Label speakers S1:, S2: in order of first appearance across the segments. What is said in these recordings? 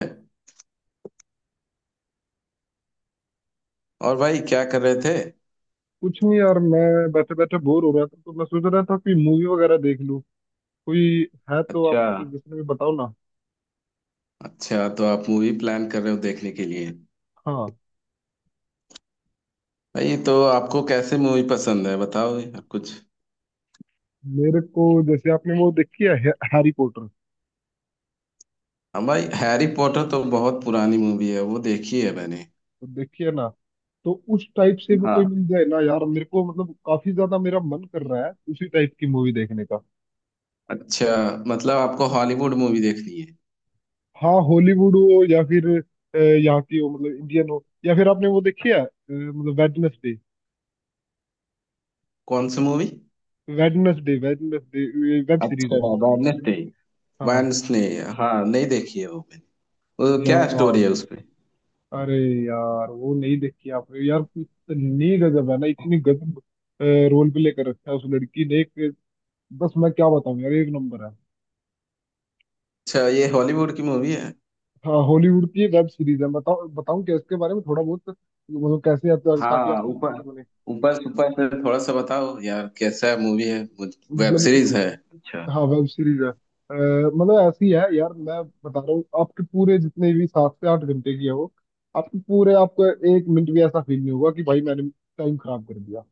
S1: और भाई क्या कर रहे थे?
S2: कुछ नहीं यार, मैं बैठे बैठे बोर हो रहा था तो मैं सोच रहा था कोई मूवी वगैरह देख लूं। कोई है तो आप
S1: अच्छा।
S2: सजेशन में बताओ ना।
S1: अच्छा, तो आप मूवी प्लान कर रहे हो देखने के लिए?
S2: हाँ,
S1: भाई, तो आपको कैसे मूवी पसंद है? बताओ यार कुछ।
S2: मेरे को जैसे आपने वो देखी है, हैरी पॉटर,
S1: हाँ भाई, हैरी पॉटर तो बहुत पुरानी मूवी है, वो देखी है मैंने।
S2: तो देखी है ना? तो उस टाइप से भी कोई
S1: हाँ।
S2: मिल जाए ना यार, मेरे को मतलब काफी ज्यादा मेरा मन कर रहा है उसी टाइप की मूवी देखने का।
S1: अच्छा, मतलब आपको हॉलीवुड मूवी देखनी है?
S2: हाँ, हॉलीवुड हो या फिर यहाँ की हो, मतलब इंडियन हो, या फिर आपने वो देखी है मतलब वेडनेसडे।
S1: कौन सी movie?
S2: Wednesday Wednesday web series
S1: अच्छा।
S2: है।
S1: वेडनेसडे,
S2: हाँ
S1: वेडनेसडे। हाँ, नहीं देखी है वो मैंने। वो क्या स्टोरी है
S2: यार,
S1: उसमें?
S2: अरे यार, वो नहीं देखी आपने यार? इतनी गजब है ना, इतनी गजब रोल प्ले कर रखा है उस लड़की ने एक। बस मैं क्या बताऊं यार, एक नंबर है।
S1: अच्छा, ये हॉलीवुड की मूवी है?
S2: हाँ हॉलीवुड की वेब सीरीज है। बताओ, बताऊं क्या इसके बारे में थोड़ा बहुत, मतलब कैसे है ताकि
S1: हाँ।
S2: आपका
S1: ऊपर
S2: इंटरेस्ट बने।
S1: ऊपर सुपर से थोड़ा सा बताओ यार, कैसा मूवी है? वेब
S2: मतलब इस,
S1: सीरीज है? अच्छा।
S2: हाँ वेब सीरीज है, मतलब ऐसी है यार, मैं बता रहा हूँ, आपके पूरे जितने भी सात से आठ घंटे की है वो, आपके पूरे आपको एक मिनट भी ऐसा फील नहीं होगा कि भाई मैंने टाइम खराब कर दिया,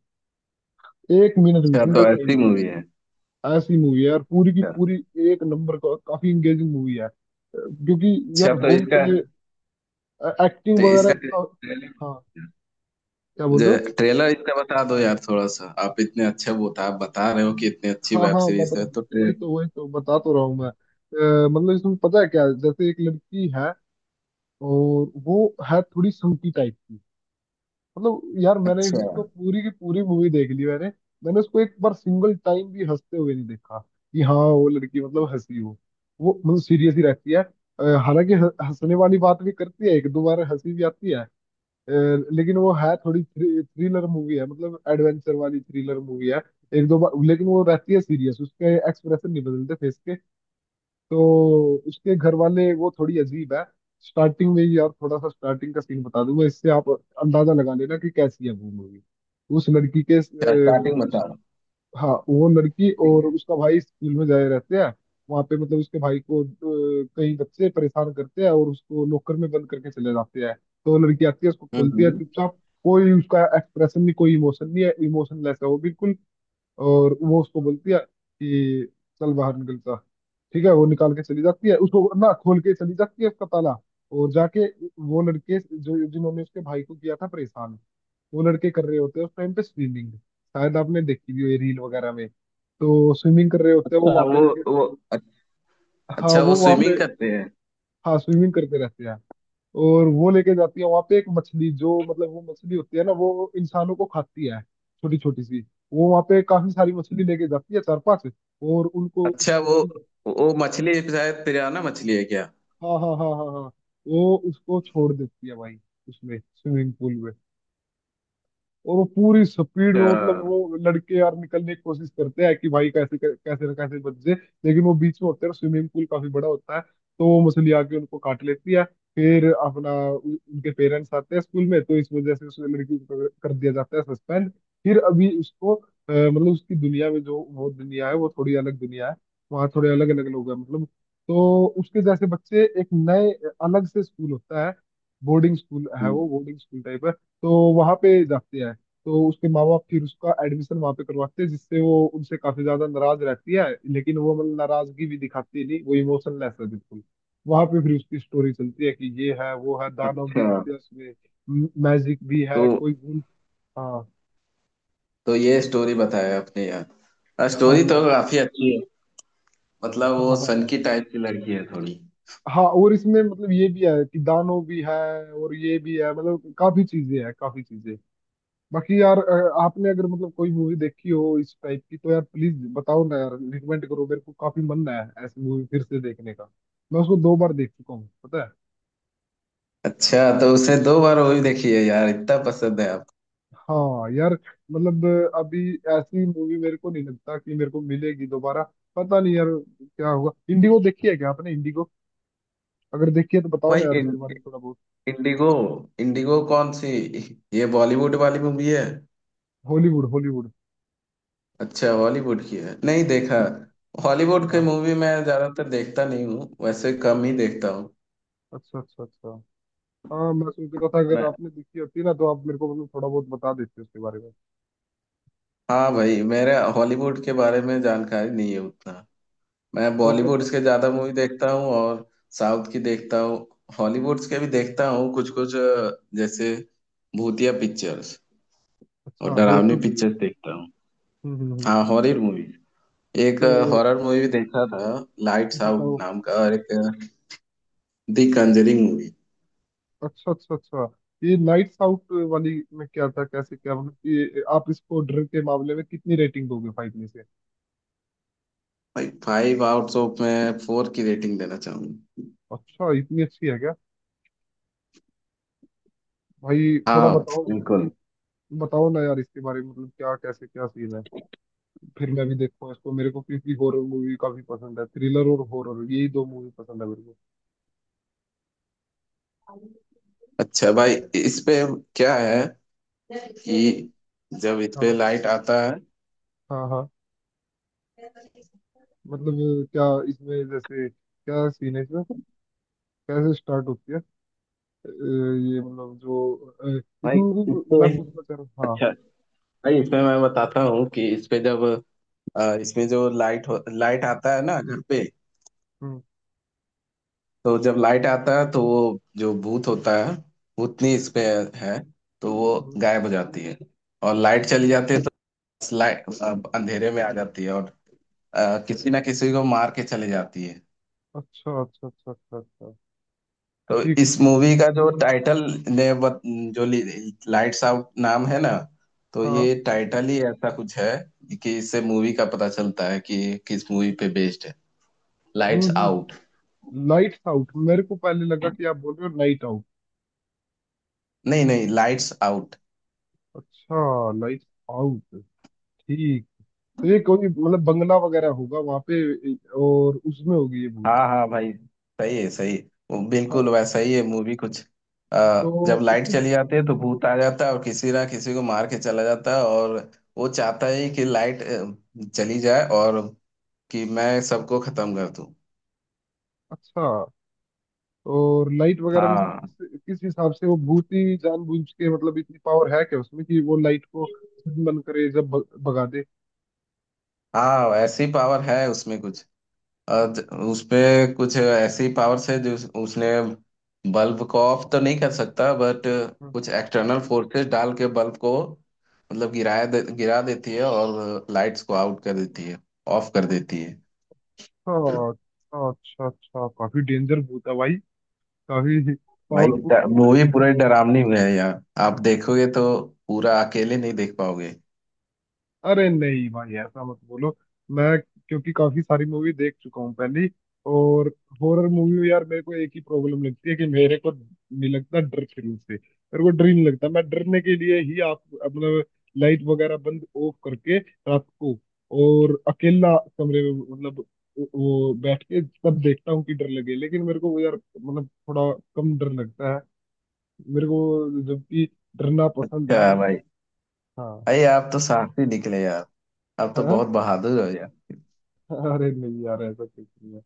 S2: एक मिनट भी,
S1: अच्छा, तो
S2: सिंगल टाइम।
S1: ऐसी मूवी है।
S2: ऐसी मूवी है यार, पूरी की
S1: अच्छा।
S2: पूरी एक नंबर का काफी इंगेजिंग मूवी है। क्योंकि
S1: अच्छा।
S2: यार बाहुबली एक्टिंग
S1: तो
S2: वगैरह
S1: इसका
S2: का।
S1: ट्रेलर।
S2: हाँ, क्या बोल रहे हो?
S1: ट्रेलर इसका बता दो यार थोड़ा सा, आप इतने अच्छे बता बता रहे हो कि इतनी अच्छी
S2: हाँ
S1: वेब
S2: हाँ,
S1: सीरीज है।
S2: वही तो, बता तो रहा हूँ मैं। मतलब इसमें पता है क्या है? जैसे एक लड़की है और वो है थोड़ी संकी टाइप। मतलब यार मैंने
S1: अच्छा।
S2: उसको पूरी की पूरी मूवी देख ली, मैंने। मैंने उसको एक बार सिंगल टाइम भी हंसते हुए नहीं देखा कि हाँ वो लड़की मतलब हंसी हो। वो मतलब सीरियस ही रहती है। हालांकि हंसने वाली बात भी करती है, एक दो बार हंसी भी आती है। अ, लेकिन वो है थोड़ी थ्रिलर मूवी है, मतलब एडवेंचर वाली थ्रिलर मूवी है। एक दो बार, लेकिन वो रहती है सीरियस, उसके एक्सप्रेशन नहीं बदलते फेस के। तो उसके घर वाले वो थोड़ी अजीब है। स्टार्टिंग में ही यार थोड़ा सा स्टार्टिंग का सीन बता दूंगा, इससे आप अंदाजा लगा लेना कि कैसी है वो मूवी। उस लड़की के
S1: अच्छा,
S2: मतलब
S1: स्टार्टिंग बताओ।
S2: हाँ वो लड़की
S1: ठीक
S2: और
S1: है।
S2: उसका भाई स्कूल में जाए रहते हैं। वहां पे मतलब उसके भाई को कई बच्चे परेशान करते हैं और उसको लॉकर में बंद करके चले जाते हैं। तो लड़की आती है, उसको
S1: हम्म,
S2: खोलती है चुपचाप। कोई उसका एक्सप्रेशन नहीं, कोई इमोशन नहीं है, इमोशनलेस है वो बिल्कुल। और वो उसको बोलती है कि चल बाहर निकल जा। ठीक है, वो निकाल के चली जाती है, उसको ना खोल के चली जाती है उसका ताला। और जाके वो लड़के जो, जिन्होंने उसके भाई को किया था परेशान, वो लड़के कर रहे होते हैं उस टाइम पे स्विमिंग। शायद आपने देखी भी हो ये रील वगैरह में, तो स्विमिंग कर रहे होते हैं वो
S1: अच्छा।
S2: वहां पे लड़के।
S1: वो
S2: हाँ
S1: अच्छा, वो
S2: वो वहां पे,
S1: स्विमिंग करते हैं?
S2: हाँ स्विमिंग करते रहते हैं। और वो लेके जाती है वहां पे एक मछली, जो मतलब वो मछली होती है ना, वो इंसानों को खाती है, छोटी छोटी सी। वो वहां पे काफी सारी मछली लेके जाती है, चार पांच, और उनको
S1: अच्छा।
S2: उस,
S1: वो मछली शायद पिराना मछली है क्या?
S2: हाँ हाँ हाँ हाँ हाँ, वो उसको छोड़ देती है भाई उसमें स्विमिंग पूल में। और वो पूरी स्पीड में मतलब
S1: अच्छा।
S2: वो लड़के यार निकलने की कोशिश करते हैं कि भाई कैसे, कैसे ना, कैसे बच जाए। लेकिन वो बीच में होते हैं, स्विमिंग पूल काफी बड़ा होता है, तो वो मछली आके उनको काट लेती है। फिर उनके पेरेंट्स आते हैं स्कूल में, तो इस वजह से उस लड़की को कर कर दिया जाता है सस्पेंड। फिर अभी उसको मतलब उसकी दुनिया में, जो वो दुनिया है, वो थोड़ी अलग दुनिया है। वहाँ थोड़े अलग अलग लोग हैं मतलब। तो उसके जैसे बच्चे एक नए, अलग से स्कूल होता है, बोर्डिंग स्कूल है,
S1: हम्म।
S2: वो बोर्डिंग स्कूल टाइप है, तो वहां पे जाते हैं। तो उसके माँ बाप फिर उसका एडमिशन वहां पे करवाते हैं, जिससे वो उनसे काफी ज्यादा नाराज रहती है। लेकिन वो मतलब नाराजगी भी दिखाती नहीं, वो इमोशनलेस है बिल्कुल। वहां पे फिर उसकी स्टोरी चलती है कि ये है वो है, दानव
S1: अच्छा,
S2: भी आते हैं उसमें, मैजिक भी
S1: तो
S2: है, कोई भूल। हाँ
S1: तो ये स्टोरी बताया अपने यार, स्टोरी तो
S2: हाँ
S1: काफी अच्छी है। मतलब
S2: हाँ
S1: वो
S2: हाँ हाँ
S1: सनकी टाइप की लड़की है थोड़ी।
S2: हाँ, और इसमें मतलब ये भी है कि दानव भी है और ये भी है, मतलब काफी चीजें हैं, काफी चीजें। बाकी यार आपने अगर मतलब कोई मूवी देखी हो इस टाइप की, तो यार प्लीज बताओ ना यार, रिकमेंड करो मेरे को, काफी मन है ऐसी मूवी फिर से देखने का। मैं उसको दो बार देख चुका हूँ, पता है?
S1: अच्छा, तो उसने 2 बार मूवी देखी है यार? इतना पसंद है आपको?
S2: हाँ यार, मतलब अभी ऐसी मूवी मेरे को नहीं लगता कि मेरे को मिलेगी दोबारा। पता नहीं यार क्या होगा। इंडिगो देखी है क्या आपने? इंडिगो, अगर देखी है तो बताओ
S1: भाई,
S2: ना यार उसके बारे में थोड़ा बहुत।
S1: इंडिगो इंडिगो कौन सी? ये बॉलीवुड
S2: हॉली-
S1: वाली मूवी है?
S2: Hollywood, Hollywood.
S1: अच्छा, हॉलीवुड की है? नहीं देखा। हॉलीवुड की
S2: या,
S1: मूवी मैं ज्यादातर देखता नहीं हूँ, वैसे कम ही
S2: अच्छा अच्छा
S1: देखता हूँ।
S2: अच्छा अच्छा अच्छा, हाँ मैं सोच रहा था अगर
S1: मैं
S2: आपने देखी होती ना, तो आप मेरे को मतलब थोड़ा बहुत बता देते उसके बारे में।
S1: हाँ भाई, मेरा हॉलीवुड के बारे में जानकारी नहीं है उतना। मैं
S2: तो
S1: बॉलीवुड
S2: बताओ।
S1: के ज्यादा मूवी देखता हूँ और साउथ की देखता हूँ। हॉलीवुड के भी देखता हूँ कुछ कुछ। जैसे भूतिया पिक्चर्स और
S2: अच्छा,
S1: डरावनी
S2: हॉरर मूवी।
S1: पिक्चर्स देखता हूँ।
S2: हम्म हम्म हम्म।
S1: हाँ, हॉरर मूवी एक
S2: तो
S1: हॉरर मूवी देखा था, लाइट्स आउट
S2: बताओ।
S1: नाम का, और एक दी कंजरिंग मूवी।
S2: अच्छा अच्छा अच्छा, ये नाइट्स आउट वाली में क्या था, कैसे क्या, मतलब कि आप इसको डर के मामले में कितनी रेटिंग दोगे फाइव में से?
S1: भाई, फाइव आउट्स ऑफ मैं 4 की रेटिंग देना चाहूंगा।
S2: अच्छा इतनी अच्छी है क्या? भाई थोड़ा
S1: हाँ,
S2: बताओ,
S1: बिल्कुल।
S2: बताओ ना यार इसके बारे में, मतलब क्या कैसे क्या सीन है। फिर मैं भी देखूँ इसको, मेरे को क्योंकि हॉरर मूवी काफी पसंद है, थ्रिलर और हॉरर, यही दो मूवी पसंद है मेरे को।
S1: अच्छा भाई, इस पे क्या है कि जब इस पे
S2: हाँ
S1: लाइट आता है।
S2: हाँ हाँ, मतलब क्या, इसमें जैसे क्या सीन है इसमें, कैसे स्टार्ट होती है। ये मतलब जो, अ,
S1: भाई
S2: इसमें
S1: इस
S2: मतलब
S1: पे
S2: मैं पूछना चाह रहा हूँ, हाँ।
S1: अच्छा भाई, इसमें मैं बताता हूँ कि इसमें जो लाइट आता है ना घर पे।
S2: हम्म
S1: तो जब लाइट आता है तो वो जो भूत होता है, भूतनी,
S2: हम्म
S1: इस पे है, तो वो
S2: हम्म,
S1: गायब हो जाती है। और लाइट चली जाती है तो लाइट अंधेरे में आ जाती है, और किसी ना किसी को मार के चली जाती है।
S2: अच्छा अच्छा अच्छा अच्छा अच्छा,
S1: तो
S2: ठीक
S1: इस
S2: ठीक ठीक।
S1: मूवी का जो टाइटल, जो लाइट्स आउट नाम है ना, तो
S2: हाँ।
S1: ये टाइटल ही ऐसा कुछ है कि इससे मूवी का पता चलता है कि किस मूवी पे बेस्ड है, lights out.
S2: Hmm. Lights out मेरे को पहले लगा कि आप बोल रहे हो नाइट आउट।
S1: नहीं, नहीं, लाइट्स आउट।
S2: अच्छा लाइट्स आउट, ठीक। तो ये कोई मतलब बंगला वगैरह होगा वहां पे और उसमें होगी ये भूत।
S1: हाँ, हाँ भाई, सही है, सही है। वो
S2: हाँ,
S1: बिल्कुल वैसा ही है मूवी कुछ। अ, जब
S2: तो
S1: लाइट
S2: इसकी जो,
S1: चली जाती है तो भूत आ जाता है और किसी ना किसी को मार के चला जाता है। और वो चाहता है कि लाइट चली जाए, और कि मैं सबको खत्म कर दूं।
S2: अच्छा। और लाइट वगैरह मतलब
S1: हाँ,
S2: किस किस हिसाब से वो भूत ही जानबूझ के, मतलब इतनी पावर है क्या उसमें कि वो लाइट को जब मन करे, जब भगा दे?
S1: हाँ, ऐसी पावर है उसमें कुछ। और उसपे कुछ ऐसी पावर्स है जो उसने बल्ब को ऑफ तो नहीं कर सकता बट कुछ एक्सटर्नल फोर्सेस डाल के बल्ब को मतलब गिरा देती है, और लाइट्स को आउट कर देती है, ऑफ कर देती है।
S2: अच्छा अच्छा अच्छा, काफी डेंजर भूत है भाई, काफी
S1: भाई
S2: पावरफुल भूत है।
S1: मूवी पूरी डरावनी में है यार, आप देखोगे तो पूरा अकेले नहीं देख पाओगे।
S2: अरे नहीं भाई, ऐसा मत बोलो। मैं, क्योंकि काफी सारी मूवी देख चुका हूँ पहले ही, और हॉरर मूवी में यार मेरे को एक ही प्रॉब्लम लगती है कि मेरे को नहीं लगता डर, फिल्म से मेरे को डर ही नहीं लगता। मैं डरने के लिए ही आप मतलब लाइट वगैरह बंद ऑफ करके रात को और अकेला कमरे में, मतलब वो बैठ के तब देखता हूँ कि डर लगे, लेकिन मेरे को वो यार मतलब थोड़ा कम डर लगता है मेरे को, जबकि डरना पसंद है।
S1: हाँ भाई।
S2: हाँ
S1: भाई, आप तो साहस ही निकले यार, आप तो बहुत
S2: हाँ,
S1: बहादुर हो यार।
S2: अरे नहीं यार ऐसा कुछ नहीं है।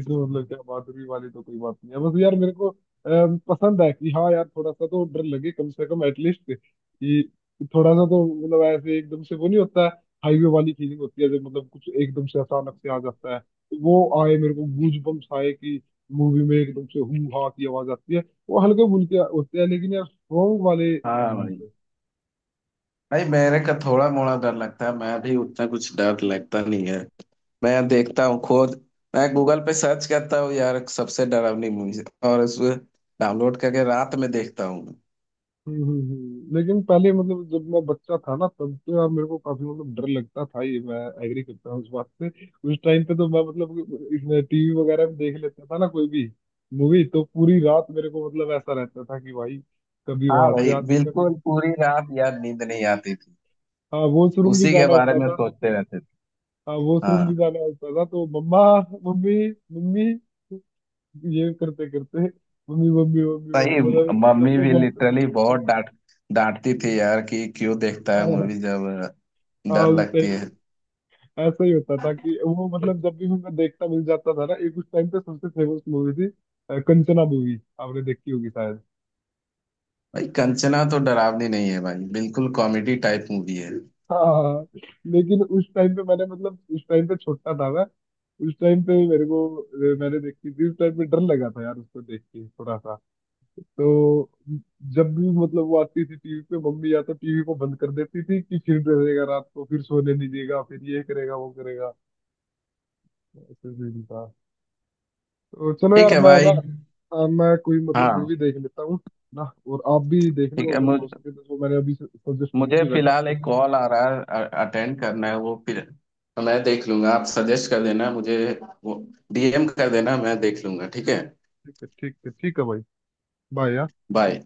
S2: इसमें मतलब क्या बहादुरी वाली तो कोई बात नहीं है, बस यार मेरे को पसंद है कि हाँ यार थोड़ा सा तो डर लगे कम से कम, एटलीस्ट कि थोड़ा सा तो, मतलब ऐसे एकदम से वो नहीं होता है। हाईवे वाली फीलिंग होती है जब मतलब कुछ एकदम से अचानक से आ जाता है तो वो आए, मेरे को गूज बम्स आए कि मूवी में एकदम से हू हा की आवाज आती है, वो हल्के फुल्के होते हैं लेकिन यार स्ट्रॉन्ग वाले नहीं
S1: हाँ भाई।
S2: मिलते।
S1: भाई, मेरे का थोड़ा मोड़ा डर लगता है, मैं भी उतना कुछ डर लगता नहीं है। मैं देखता हूँ खुद। मैं गूगल पे सर्च करता हूँ यार, सबसे डरावनी मूवीज, और उसको डाउनलोड करके रात में देखता हूँ।
S2: लेकिन पहले मतलब जब मैं बच्चा था ना, तब तो यार मेरे को काफी मतलब डर लगता था, ये मैं एग्री करता हूँ इस बात से। उस टाइम पे तो मैं मतलब इसमें टीवी वगैरह में देख लेता था ना कोई भी मूवी, तो पूरी रात मेरे को मतलब ऐसा रहता था कि भाई कभी
S1: हाँ
S2: वहां से
S1: भाई,
S2: आदमी कभी,
S1: बिल्कुल पूरी रात यार नींद नहीं आती थी,
S2: हाँ वॉशरूम भी
S1: उसी के
S2: जाना
S1: बारे
S2: होता
S1: में
S2: था,
S1: सोचते रहते थे।
S2: हाँ वॉशरूम भी
S1: हाँ,
S2: जाना होता था तो मम्मा मम्मी मम्मी, ये करते करते मम्मी मम्मी मम्मी
S1: सही।
S2: मम्मी, मतलब जब
S1: मम्मी
S2: तक
S1: भी
S2: वहां पे,
S1: लिटरली बहुत डांटती थी यार, कि क्यों देखता है मूवी
S2: हाँ,
S1: जब
S2: हाँ,
S1: डर
S2: उस
S1: लगती
S2: टाइम
S1: है।
S2: ऐसा ही होता था कि वो मतलब जब भी मैं देखता मिल जाता था ना, एक उस टाइम पे सबसे फेमस मूवी थी, कंचना मूवी, आपने देखी होगी शायद।
S1: भाई, कंचना तो डरावनी नहीं है भाई, बिल्कुल कॉमेडी टाइप मूवी है।
S2: हाँ, लेकिन उस टाइम पे मैंने मतलब उस टाइम पे छोटा था मैं, उस टाइम पे मेरे को मैंने देखी थी उस टाइम पे, डर लगा था यार उसको देख के थोड़ा सा। तो जब भी मतलब वो आती थी टीवी पे, मम्मी या तो टीवी को बंद कर देती थी कि फिर डरेगा रात को, फिर सोने नहीं देगा, फिर ये करेगा वो करेगा, ऐसे सीन था। तो चलो
S1: ठीक
S2: यार
S1: है
S2: मैं ना,
S1: भाई।
S2: मैं कोई मतलब
S1: हाँ।
S2: मूवी देख लेता हूँ ना। और आप भी देख
S1: ठीक
S2: लो
S1: है।
S2: अगर हो सके तो जो मैंने अभी सजेस्ट की
S1: मुझे
S2: थी
S1: फिलहाल
S2: वैसे।
S1: एक कॉल आ रहा है, अटेंड करना है वो। फिर मैं देख लूंगा, आप सजेस्ट कर देना मुझे वो, डीएम कर देना, मैं देख लूंगा, ठीक है?
S2: ठीक है ठीक है ठीक है भाई, बाय यार।
S1: बाय।